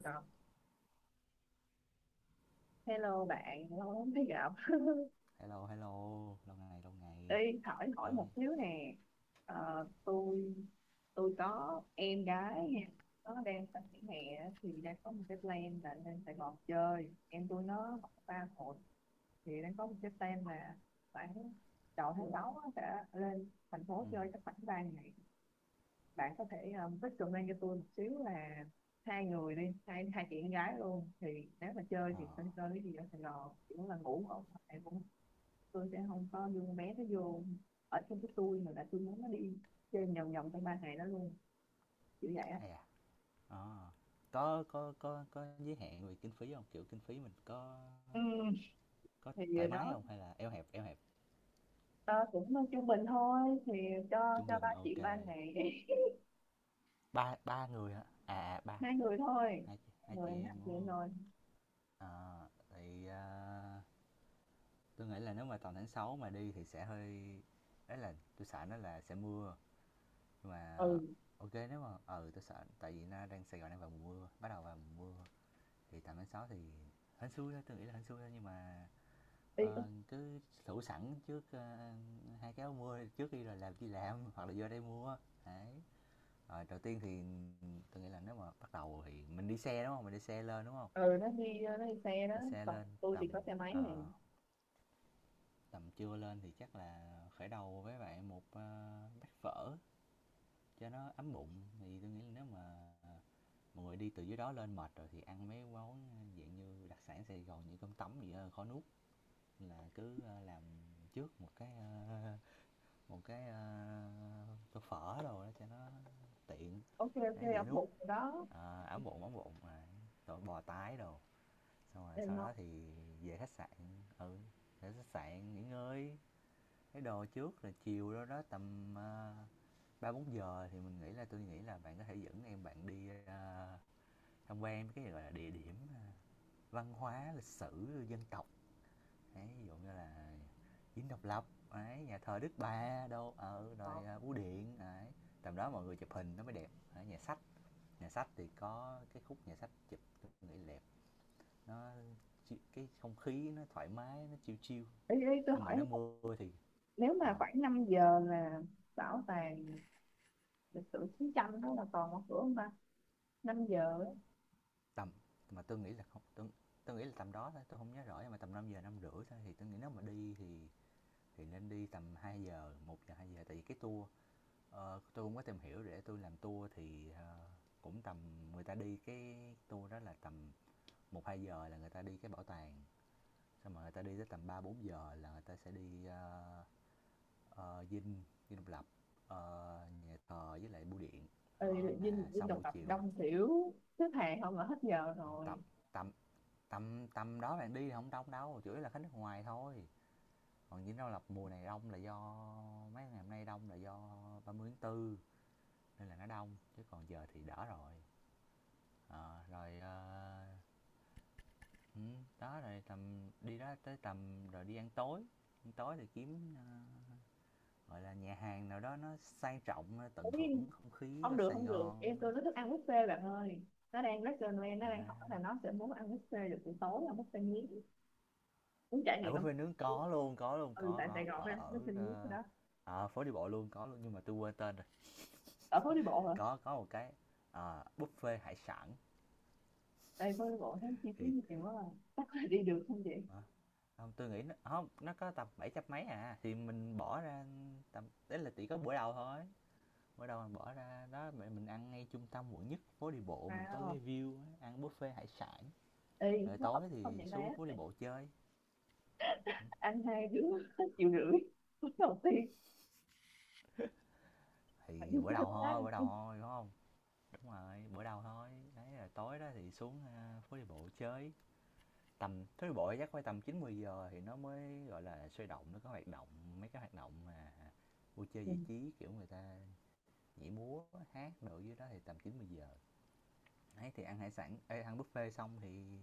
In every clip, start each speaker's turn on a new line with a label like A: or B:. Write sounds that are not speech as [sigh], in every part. A: Đó. Hello bạn, lâu lắm mới gặp.
B: Hello, hello, lâu ngày, lâu ngày.
A: Đi hỏi hỏi một
B: Ơi,
A: xíu nè. Ờ, tôi tôi có em gái, nó đang sắp nghỉ hè thì đang có một cái plan là lên Sài Gòn chơi. Em tôi nó học ba hội, thì đang có một cái plan là khoảng đầu tháng 6 á, sẽ lên thành phố
B: ừ,
A: chơi chắc khoảng 3 ngày. Bạn có thể recommend cho tôi một xíu là hai người đi, hai hai chị em gái luôn thì nếu mà chơi
B: ờ,
A: thì nên chơi cái gì ở Sài Gòn, chỉ muốn là ngủ không? Em cũng tôi sẽ không có dùng bé nó vô ở trong cái tôi, mà là tôi muốn nó đi chơi vòng vòng trong ba ngày đó luôn, kiểu vậy á.
B: ai à, ờ. Có giới hạn về kinh phí không? Kiểu kinh phí mình
A: Ừ,
B: có
A: thì vừa
B: thoải mái
A: đó.
B: không? Hay là eo hẹp,
A: Ờ, Cũng trung bình thôi thì cho
B: trung
A: cho ba
B: bình,
A: chị
B: ok.
A: ba ngày [laughs]
B: Ba, ba người hả? À, à, ba,
A: hai người thôi,
B: hai, hai
A: người
B: chị
A: em làm
B: em đúng
A: chuyện
B: không?
A: rồi.
B: Ờ, tôi nghĩ là nếu mà tầm tháng 6 mà đi thì sẽ hơi, đấy là tôi sợ nó là sẽ mưa. Nhưng mà
A: Ừ,
B: ok nếu mà, ừ tôi sợ, tại vì nó đang Sài Gòn đang vào mùa mưa, bắt đầu vào mùa mưa. Thì tầm tháng 6 thì hên xui thôi nhưng mà
A: đi có.
B: cứ thủ sẵn trước hai cái áo mưa trước khi rồi làm chi làm [laughs] hoặc là vô đây mua, đấy. Rồi đầu tiên thì tôi nghĩ là nếu mà bắt đầu thì mình đi xe lên đúng không?
A: Ừ, nó đi xe đó,
B: Đi xe
A: còn
B: lên
A: tôi
B: tầm
A: thì có xe máy này.
B: ờ, tầm trưa lên thì chắc là khởi đầu với bạn một bát phở cho nó ấm bụng. Thì tôi nghĩ là nếu mà mọi người đi từ dưới đó lên mệt rồi thì ăn mấy món dạng như đặc sản Sài Gòn như cơm tấm gì đó, khó nuốt, là cứ làm trước một cái, ờ, một cái, tô phở đồ đó cho nó tiện,
A: Ok ok,
B: ấy dễ
A: ông
B: nuốt.
A: bụng rồi đó.
B: Ờ, ấm bụng ấm bụng, à, rồi bò tái đồ. Xong rồi
A: Em
B: sau
A: ngon.
B: đó thì về khách sạn, ừ, để khách sạn nghỉ ngơi cái đồ trước, rồi chiều đó đó tầm ba bốn giờ thì mình nghĩ là tôi nghĩ là bạn có thể dẫn em bạn đi tham quan cái gọi là địa điểm văn hóa lịch sử dân tộc. Đấy, ví dụ như là Dinh Độc Lập, đấy, nhà thờ Đức Bà đâu, ở
A: Ờ.
B: rồi à, Bưu Điện, đấy. Tầm đó mọi người chụp hình nó mới đẹp. Đấy, nhà sách thì có cái khúc nhà sách chụp tôi nghĩ đẹp. Nó cái không khí nó thoải mái, nó chill chill.
A: Ý tôi
B: Nhưng mà
A: hỏi
B: nó mưa thì
A: nếu mà
B: ờ,
A: khoảng 5 giờ là bảo tàng lịch sử chiến tranh đó là còn mở cửa không ta? 5 giờ.
B: tầm mà tôi nghĩ là tầm đó thôi, tôi không nhớ rõ nhưng mà tầm 5 giờ 5 rưỡi thôi. Thì tôi nghĩ nếu mà đi thì nên đi tầm 2 giờ, một giờ 2 giờ, tại vì cái tour. Ờ, tôi cũng có tìm hiểu để tôi làm tour thì cũng tầm người ta đi cái tour đó là tầm một 2 giờ là người ta đi cái bảo tàng, xong rồi người ta đi tới tầm 3 4 giờ là người ta sẽ đi dinh dinh độc lập, nhà thờ với lại bưu điện.
A: Ừ,
B: Đó
A: Vinh
B: là
A: Vinh
B: xong
A: độc
B: buổi
A: lập
B: chiều.
A: đông xỉu, xếp hàng không là hết giờ
B: Ờ,
A: rồi.
B: tầm tầm tầm đó bạn đi thì không đông đâu, chủ yếu là khách nước ngoài thôi. Còn dinh độc lập mùa này đông là do mấy ngày hôm nay đông là do 30 tháng Tư nên là nó đông chứ còn giờ thì đỡ rồi. Ờ, rồi, ờ, đó, rồi tầm đi đó tới tầm rồi đi ăn tối thì kiếm, gọi là, nhà hàng nào đó nó sang trọng, tận hưởng
A: Ý,
B: không khí của
A: không được
B: Sài
A: không được, em
B: Gòn.
A: tôi nó thích ăn buffet bạn ơi, nó đang rất là Noel,
B: À,
A: nó đang hỏi là nó sẽ muốn ăn buffet được buổi tối ăn buffet miếng, muốn trải
B: à,
A: nghiệm không.
B: buffet nướng có luôn, có luôn,
A: Ừ, tại Sài
B: có,
A: Gòn
B: ở
A: phải ăn
B: ở,
A: buffet miếng cái
B: ơ,
A: đó.
B: ờ, à, phố đi bộ luôn, có luôn, nhưng mà tôi quên tên rồi.
A: Ở phố đi bộ hả?
B: Có một cái, buffet hải sản
A: Đây phố đi bộ thấy chi phí
B: thì
A: nhiều quá rồi, chắc là đi được không vậy?
B: hả? Hông, tui nghĩ nó hông, nó có tầm bảy trăm mấy à, thì mình bỏ ra tầm đấy là chỉ có bữa đầu thôi. Mới đầu mình bỏ ra đó mẹ mình ăn ngay trung tâm quận nhất, phố đi bộ mình có
A: Wow.
B: cái view ăn buffet hải sản.
A: Ê,
B: Rồi
A: nó hợp
B: tối
A: lý không
B: thì
A: vậy bé?
B: xuống phố đi
A: Tại
B: bộ chơi.
A: ăn hai đứa [laughs] hết triệu rưỡi. Cuối đầu tiên phải đi
B: Thì
A: chơi với ai.
B: bữa đầu thôi đúng không? Đúng rồi, bữa đầu thôi. Đấy là tối đó thì xuống à, phố đi bộ chơi. Tầm phố đi bộ chắc phải tầm 9 10 giờ thì nó mới gọi là sôi động, nó có hoạt động, mấy cái hoạt động mà vui chơi
A: Ừ.
B: giải trí kiểu người ta nhảy múa hát đồ dưới đó thì tầm 9 10 giờ ấy thì ăn hải sản ê, ăn buffet xong thì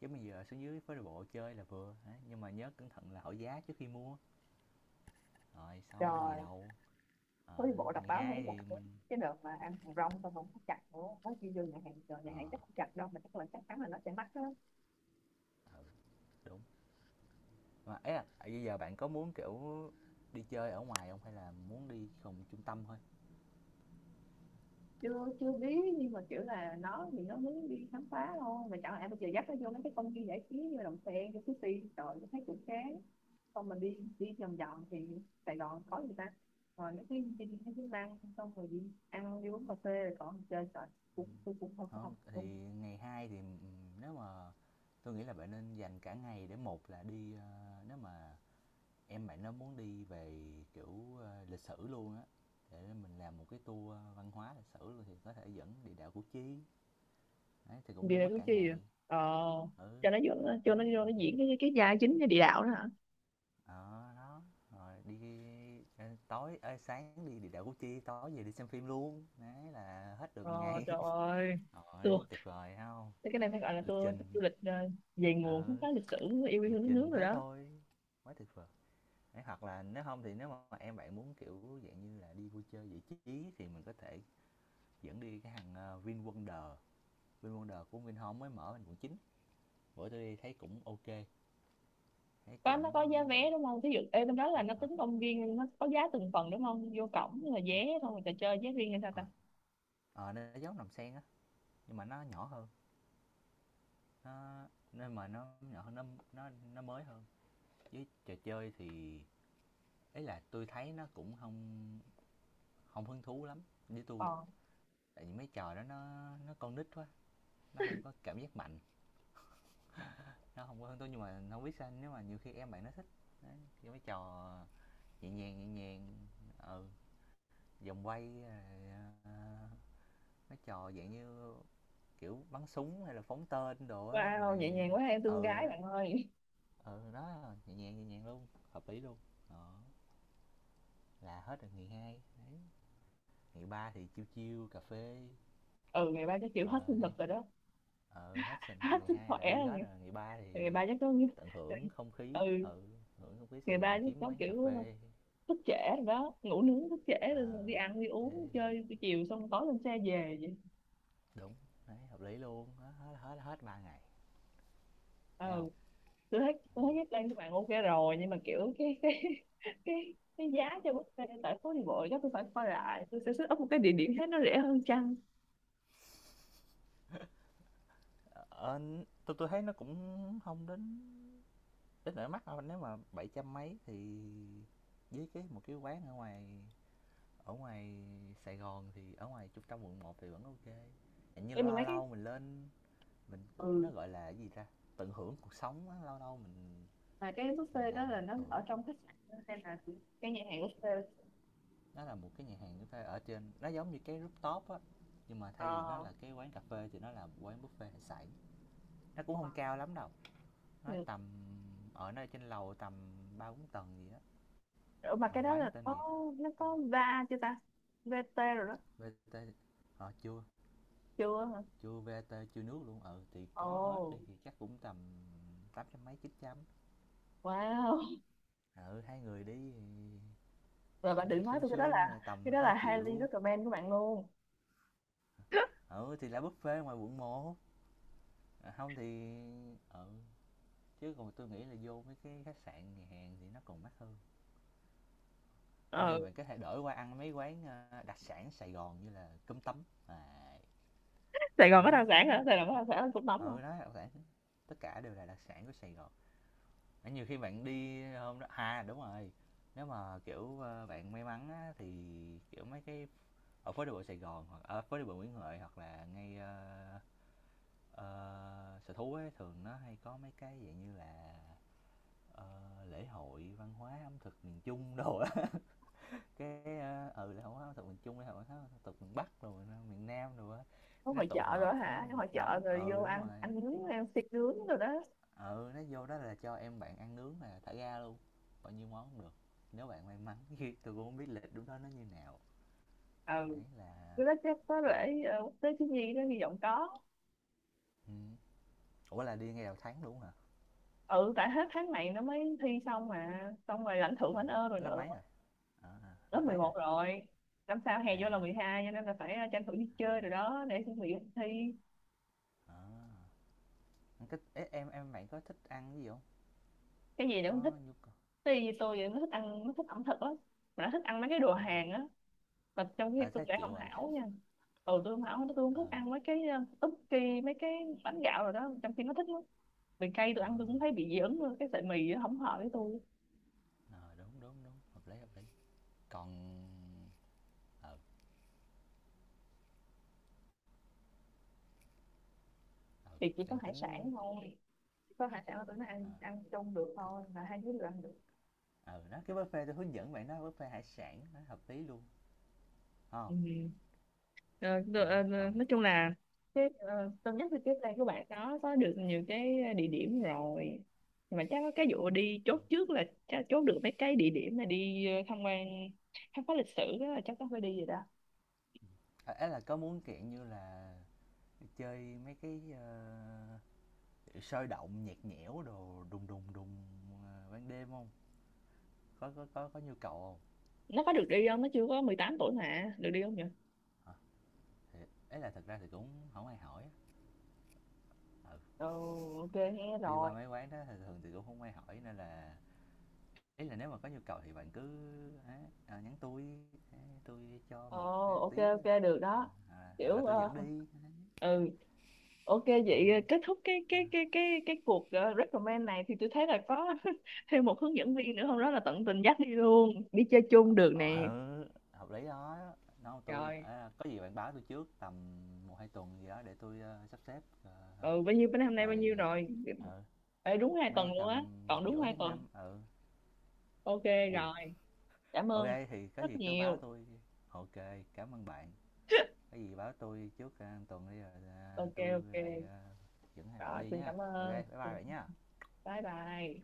B: chứ bây giờ xuống dưới phố đi bộ chơi là vừa. Đấy, nhưng mà nhớ cẩn thận là hỏi giá trước khi mua. Rồi xong ngày
A: Trời,
B: đầu,
A: phố
B: ờ,
A: đi bộ đọc
B: ngày
A: báo thấy
B: hai
A: chặt
B: thì
A: đấy.
B: mình
A: Cái đợt mà ăn hàng rong tao không có chặt nữa, nói chi vô nhà hàng, rồi nhà
B: ờ
A: hàng chắc không chặt đâu, mà chắc là chắc chắn là nó sẽ mắc á.
B: ừ, đúng mà ấy là à, bây giờ bạn có muốn kiểu đi chơi ở ngoài không hay là muốn đi phòng trung tâm thôi?
A: Chưa chưa biết, nhưng mà kiểu là nó thì nó muốn đi khám phá thôi, mà chẳng lẽ bây giờ dắt nó vô mấy cái công viên giải trí như Đầm Sen cái Sushi rồi thấy cũng chán. Xong mình đi đi vòng vòng thì Sài Gòn có gì ta, rồi mấy cái đi mấy cái năng xong rồi đi ăn đi uống cà phê rồi còn chơi rồi
B: Ừ,
A: cũng tôi cũng không không
B: không
A: không
B: thì ngày hai thì nếu mà tôi nghĩ là bạn nên dành cả ngày để một là đi, nếu mà em bạn nó muốn đi về, kiểu, lịch sử luôn á, để mình làm một cái tour văn hóa lịch sử luôn, thì có thể dẫn địa đạo Củ Chi, đấy, thì cũng
A: Vì
B: đi
A: là
B: mất
A: cái
B: cả
A: chi vậy?
B: ngày.
A: Ờ,
B: Ừ,
A: cho nó vô,
B: đó,
A: cho nó vô nó
B: 12
A: diễn cái gia chính cái địa đạo đó hả?
B: ờ, đó, rồi đi, ơ, tối ê, sáng đi địa đạo Củ Chi, tối về đi xem phim luôn, đấy, là hết được
A: Ờ, trời
B: ngày. [laughs]
A: ơi tôi
B: Rồi, tuyệt vời phải hông?
A: thế cái này phải gọi là
B: Lịch
A: tour
B: trình,
A: du lịch về nguồn khám
B: ừ,
A: phá lịch sử yêu quê hương
B: lịch
A: đất nước
B: trình
A: rồi
B: thế
A: đó.
B: thôi, quá tuyệt vời. Đấy, hoặc là nếu không thì nếu mà em bạn muốn, kiểu, dạng như là, đi vui chơi giải trí thì mình có thể dẫn đi cái hàng VinWonder VinWonder của Vinhome mới mở bên quận 9, bữa tôi đi thấy cũng ok, thấy
A: Có nó
B: cũng
A: có giá vé đúng không, thí dụ ê bên đó là nó
B: hả?
A: tính công viên nó có giá từng phần đúng không, vô cổng là vé xong rồi trò chơi giá riêng hay sao ta?
B: Rồi nó giống nằm sen á nhưng mà nó nhỏ hơn, nó nên mà nó nhỏ hơn, nó mới hơn. Với trò chơi thì ấy là tôi thấy nó cũng không không hứng thú lắm với tôi,
A: Ờ,
B: tại vì mấy trò đó nó, con nít quá, nó không có cảm giác mạnh, nó không có hứng thú, nhưng mà không biết sao nếu mà nhiều khi em bạn nó thích. Đấy, mấy trò nhẹ nhàng nhẹ nhàng, ừ, vòng quay rồi, ờ, mấy trò dạng như kiểu bắn súng hay là phóng tên đồ á
A: wow
B: rồi,
A: nhẹ nhàng quá em thương
B: ừ
A: gái
B: đó,
A: bạn ơi.
B: ừ đó nhẹ nhàng luôn, hợp lý luôn. Đó là hết rồi ngày hai đấy. Ngày ba thì chiêu chiêu cà phê,
A: Ừ, ngày ba chắc chịu hết
B: ờ
A: sinh
B: hai
A: lực rồi đó.
B: ờ hết
A: [laughs]
B: sinh
A: Hết
B: ngày
A: sức
B: hai
A: khỏe
B: là đi
A: rồi
B: hết
A: ngày,
B: rồi. Ngày ba
A: ngày
B: thì
A: ba chắc có.
B: tận hưởng
A: [laughs]
B: không
A: Ừ,
B: khí, ừ, hưởng không khí Sài
A: ngày ba
B: Gòn,
A: chắc
B: kiếm
A: có
B: quán
A: kiểu
B: cà phê,
A: thức trễ rồi đó, ngủ nướng thức trễ rồi
B: ờ
A: đi ăn đi uống
B: thế rồi,
A: chơi buổi chiều xong tối lên xe về vậy.
B: đúng, đấy hợp lý luôn, hết ba ngày, thấy không?
A: Ừ, tôi thấy Jack Lang các bạn ok rồi, nhưng mà kiểu cái [laughs] cái giá cho buffet tại phố đi bộ chắc tôi phải coi lại, tôi sẽ set up một cái địa điểm khác nó rẻ hơn chăng.
B: Ờ, tui thấy nó cũng không đến, đến nỗi mắc đâu, nếu mà bảy trăm mấy thì với một cái quán ở ngoài, ở ngoài Sài Gòn thì ở ngoài trung tâm quận một thì vẫn ok. Kê. Như
A: Nhưng mà
B: lâu
A: mấy cái
B: lâu mình lên mình, kiểu,
A: ừ,
B: nó, gọi là, cái gì ta, tận hưởng cuộc sống á, lâu lâu
A: mà cái
B: mình
A: buffet đó
B: làm
A: là
B: một
A: nó
B: bữa.
A: ở trong khách sạn hay là cái nhà hàng buffet?
B: Nó là một cái nhà hàng chúng ta ở trên nó giống như cái rooftop á, nhưng mà thay vì nó
A: ờ
B: là cái quán cà phê thì nó là một quán buffet hải sản. Nó cũng không cao lắm đâu. Nó
A: ừ.
B: tầm ở nơi trên lầu tầm ba bốn tầng gì đó,
A: Ủa mà
B: mà
A: cái đó
B: quán
A: là
B: tên
A: có
B: gì hả?
A: nó
B: Ờ,
A: có va chưa ta? VT rồi đó.
B: VT chưa,
A: Chưa hả?
B: chưa VT chưa nước luôn. Ừ thì
A: Ồ.
B: có hết đi thì chắc cũng tầm 800 mấy chín trăm.
A: Wow.
B: Ừ hai người đi
A: Rồi bạn đừng nói
B: xuyên
A: tôi
B: sương tầm
A: cái đó
B: 2
A: là highly
B: triệu.
A: recommend của bạn luôn. [laughs]
B: Ừ thì là buffet ngoài quận 1. À, không thì, ừ, chứ còn tôi nghĩ là vô mấy cái khách sạn nhà hàng thì nó còn mắc hơn. Không thì
A: Ừ,
B: mình có thể đổi qua ăn mấy quán đặc sản Sài Gòn như là cơm tấm. À,
A: Sài Gòn có đặc sản
B: đấy,
A: hả? Sài Gòn có đặc sản là cũng nóng mà.
B: ừ đó đặc sản, tất cả đều là đặc sản của Sài Gòn. Đấy, nhiều khi bạn đi hôm đó, à đúng rồi, nếu mà kiểu bạn may mắn á, thì kiểu mấy cái ở phố đi bộ Sài Gòn hoặc ở phố đi bộ Nguyễn Huệ hoặc là ngay sở thú ấy, thường nó hay có mấy cái dạng như là lễ hội văn hóa ẩm thực miền Trung đồ á [laughs] cái lễ hội văn hóa ẩm thực miền Trung, lễ hội văn hóa ẩm thực miền Bắc rồi miền Nam rồi á,
A: Có
B: nó
A: hội
B: tụ
A: chợ rồi
B: họp á,
A: hả? Cái hội
B: một
A: chợ
B: đống,
A: rồi vô
B: ừ đúng
A: ăn
B: rồi,
A: ăn nướng ăn xiên nướng rồi đó.
B: ừ nó vô đó là cho em bạn ăn nướng là thả ga luôn, bao nhiêu món cũng được, nếu bạn may mắn. [laughs] Tôi cũng không biết lịch đúng đó nó như nào,
A: Ừ,
B: đấy là,
A: cái đó chắc có lễ quốc tế thiếu nhi đó, hy vọng có.
B: ừ. Ủa là đi ngay đầu tháng luôn hả?
A: Ừ, tại hết tháng này nó mới thi xong mà, xong rồi lãnh thưởng lãnh ơn rồi
B: Lớp
A: nữa.
B: mấy rồi,
A: Lớp
B: lớp
A: mười
B: mấy rồi?
A: một rồi, năm sau hè
B: À,
A: vô là 12, cho nên là phải tranh thủ đi chơi rồi đó để chuẩn bị thi.
B: à. Thích, ế, em bạn có thích ăn cái gì không,
A: Cái gì nó cũng thích,
B: có nhu cầu?
A: tuy tôi thì nó thích ăn, nó thích ẩm thực lắm, mà nó thích ăn mấy cái đồ Hàn á, mà trong khi
B: À
A: tôi
B: thấy
A: lại
B: chịu
A: không
B: rồi,
A: hảo nha. Ừ, tôi không hảo, tôi không
B: ờ
A: thích ăn mấy cái ức kỳ mấy cái bánh gạo rồi đó, trong khi nó thích lắm. Vì cay tôi
B: à,
A: ăn tôi cũng thấy bị dị ứng luôn, cái sợi mì nó không hợp với tôi.
B: à, đúng đúng đúng, hợp lý hợp lý, còn ờ ờ
A: Thì chỉ có
B: đang
A: hải sản
B: tính
A: thôi, chỉ có hải sản là tôi nó
B: ờ
A: ăn ăn chung được thôi, là hai đứa đều ăn được.
B: à, nó cái buffet tôi hướng dẫn bạn đó buffet hải sản nó hợp lý luôn, ờ.
A: Ừ. Ờ, được, ờ,
B: Đấy,
A: ờ,
B: còn
A: nói chung là cái tôi nhắc thì tiếp đây các bạn có được nhiều cái địa điểm rồi. Nhưng mà chắc có cái vụ đi chốt trước là chắc chốt được mấy cái địa điểm mà đi tham quan khám phá lịch sử đó, là chắc có phải đi rồi đó.
B: à, ấy là có muốn, kiểu như là, chơi mấy cái, sôi động, nhạt nhẽo đồ đùng đùng đùng, ban đêm không? Có nhu cầu không?
A: Nó có được đi không, nó chưa có 18 tuổi mà được đi không nhỉ?
B: Hả? Thì ấy à, là thực ra thì cũng không ai hỏi, ừ,
A: Ồ, ok nghe
B: đi
A: rồi.
B: qua mấy quán đó thường thường thì cũng không ai hỏi, nên là ý là nếu mà có nhu cầu thì bạn cứ ấy, nhắn tôi ấy, tui cho
A: Ồ,
B: một, cái
A: ok
B: tí,
A: ok được đó,
B: hoặc là
A: kiểu
B: tôi dẫn đi.
A: ừ ok vậy
B: Ừm.
A: kết thúc cái cuộc recommend này thì tôi thấy là có [laughs] thêm một hướng dẫn viên nữa không đó, là tận tình dắt đi luôn, đi chơi chung được
B: Ờ,
A: nè.
B: ừ, hợp lý đó. Nói tui
A: Rồi,
B: "A, có gì bạn báo tôi trước tầm một hai tuần gì đó để tôi sắp xếp, ờ,
A: ừ, bao nhiêu bên hôm nay bao
B: rồi".
A: nhiêu rồi.
B: Ừ,
A: Ê, đúng 2 tuần
B: nay
A: luôn á,
B: tầm
A: còn đúng
B: giữa
A: hai
B: tháng
A: tuần
B: năm, ừ,
A: Ok
B: ui,
A: rồi, cảm
B: ok,
A: ơn
B: thì có
A: rất
B: gì cứ báo
A: nhiều.
B: tôi, ok. Cảm ơn bạn, có gì báo tôi trước, a, tuần đi rồi, à,
A: Ok
B: tui
A: ok.
B: lại, a, dẫn hai bạn
A: Rồi
B: đi
A: xin
B: nha.
A: cảm
B: Ok
A: ơn.
B: bye bye
A: Ừ,
B: bạn nha.
A: bye bye.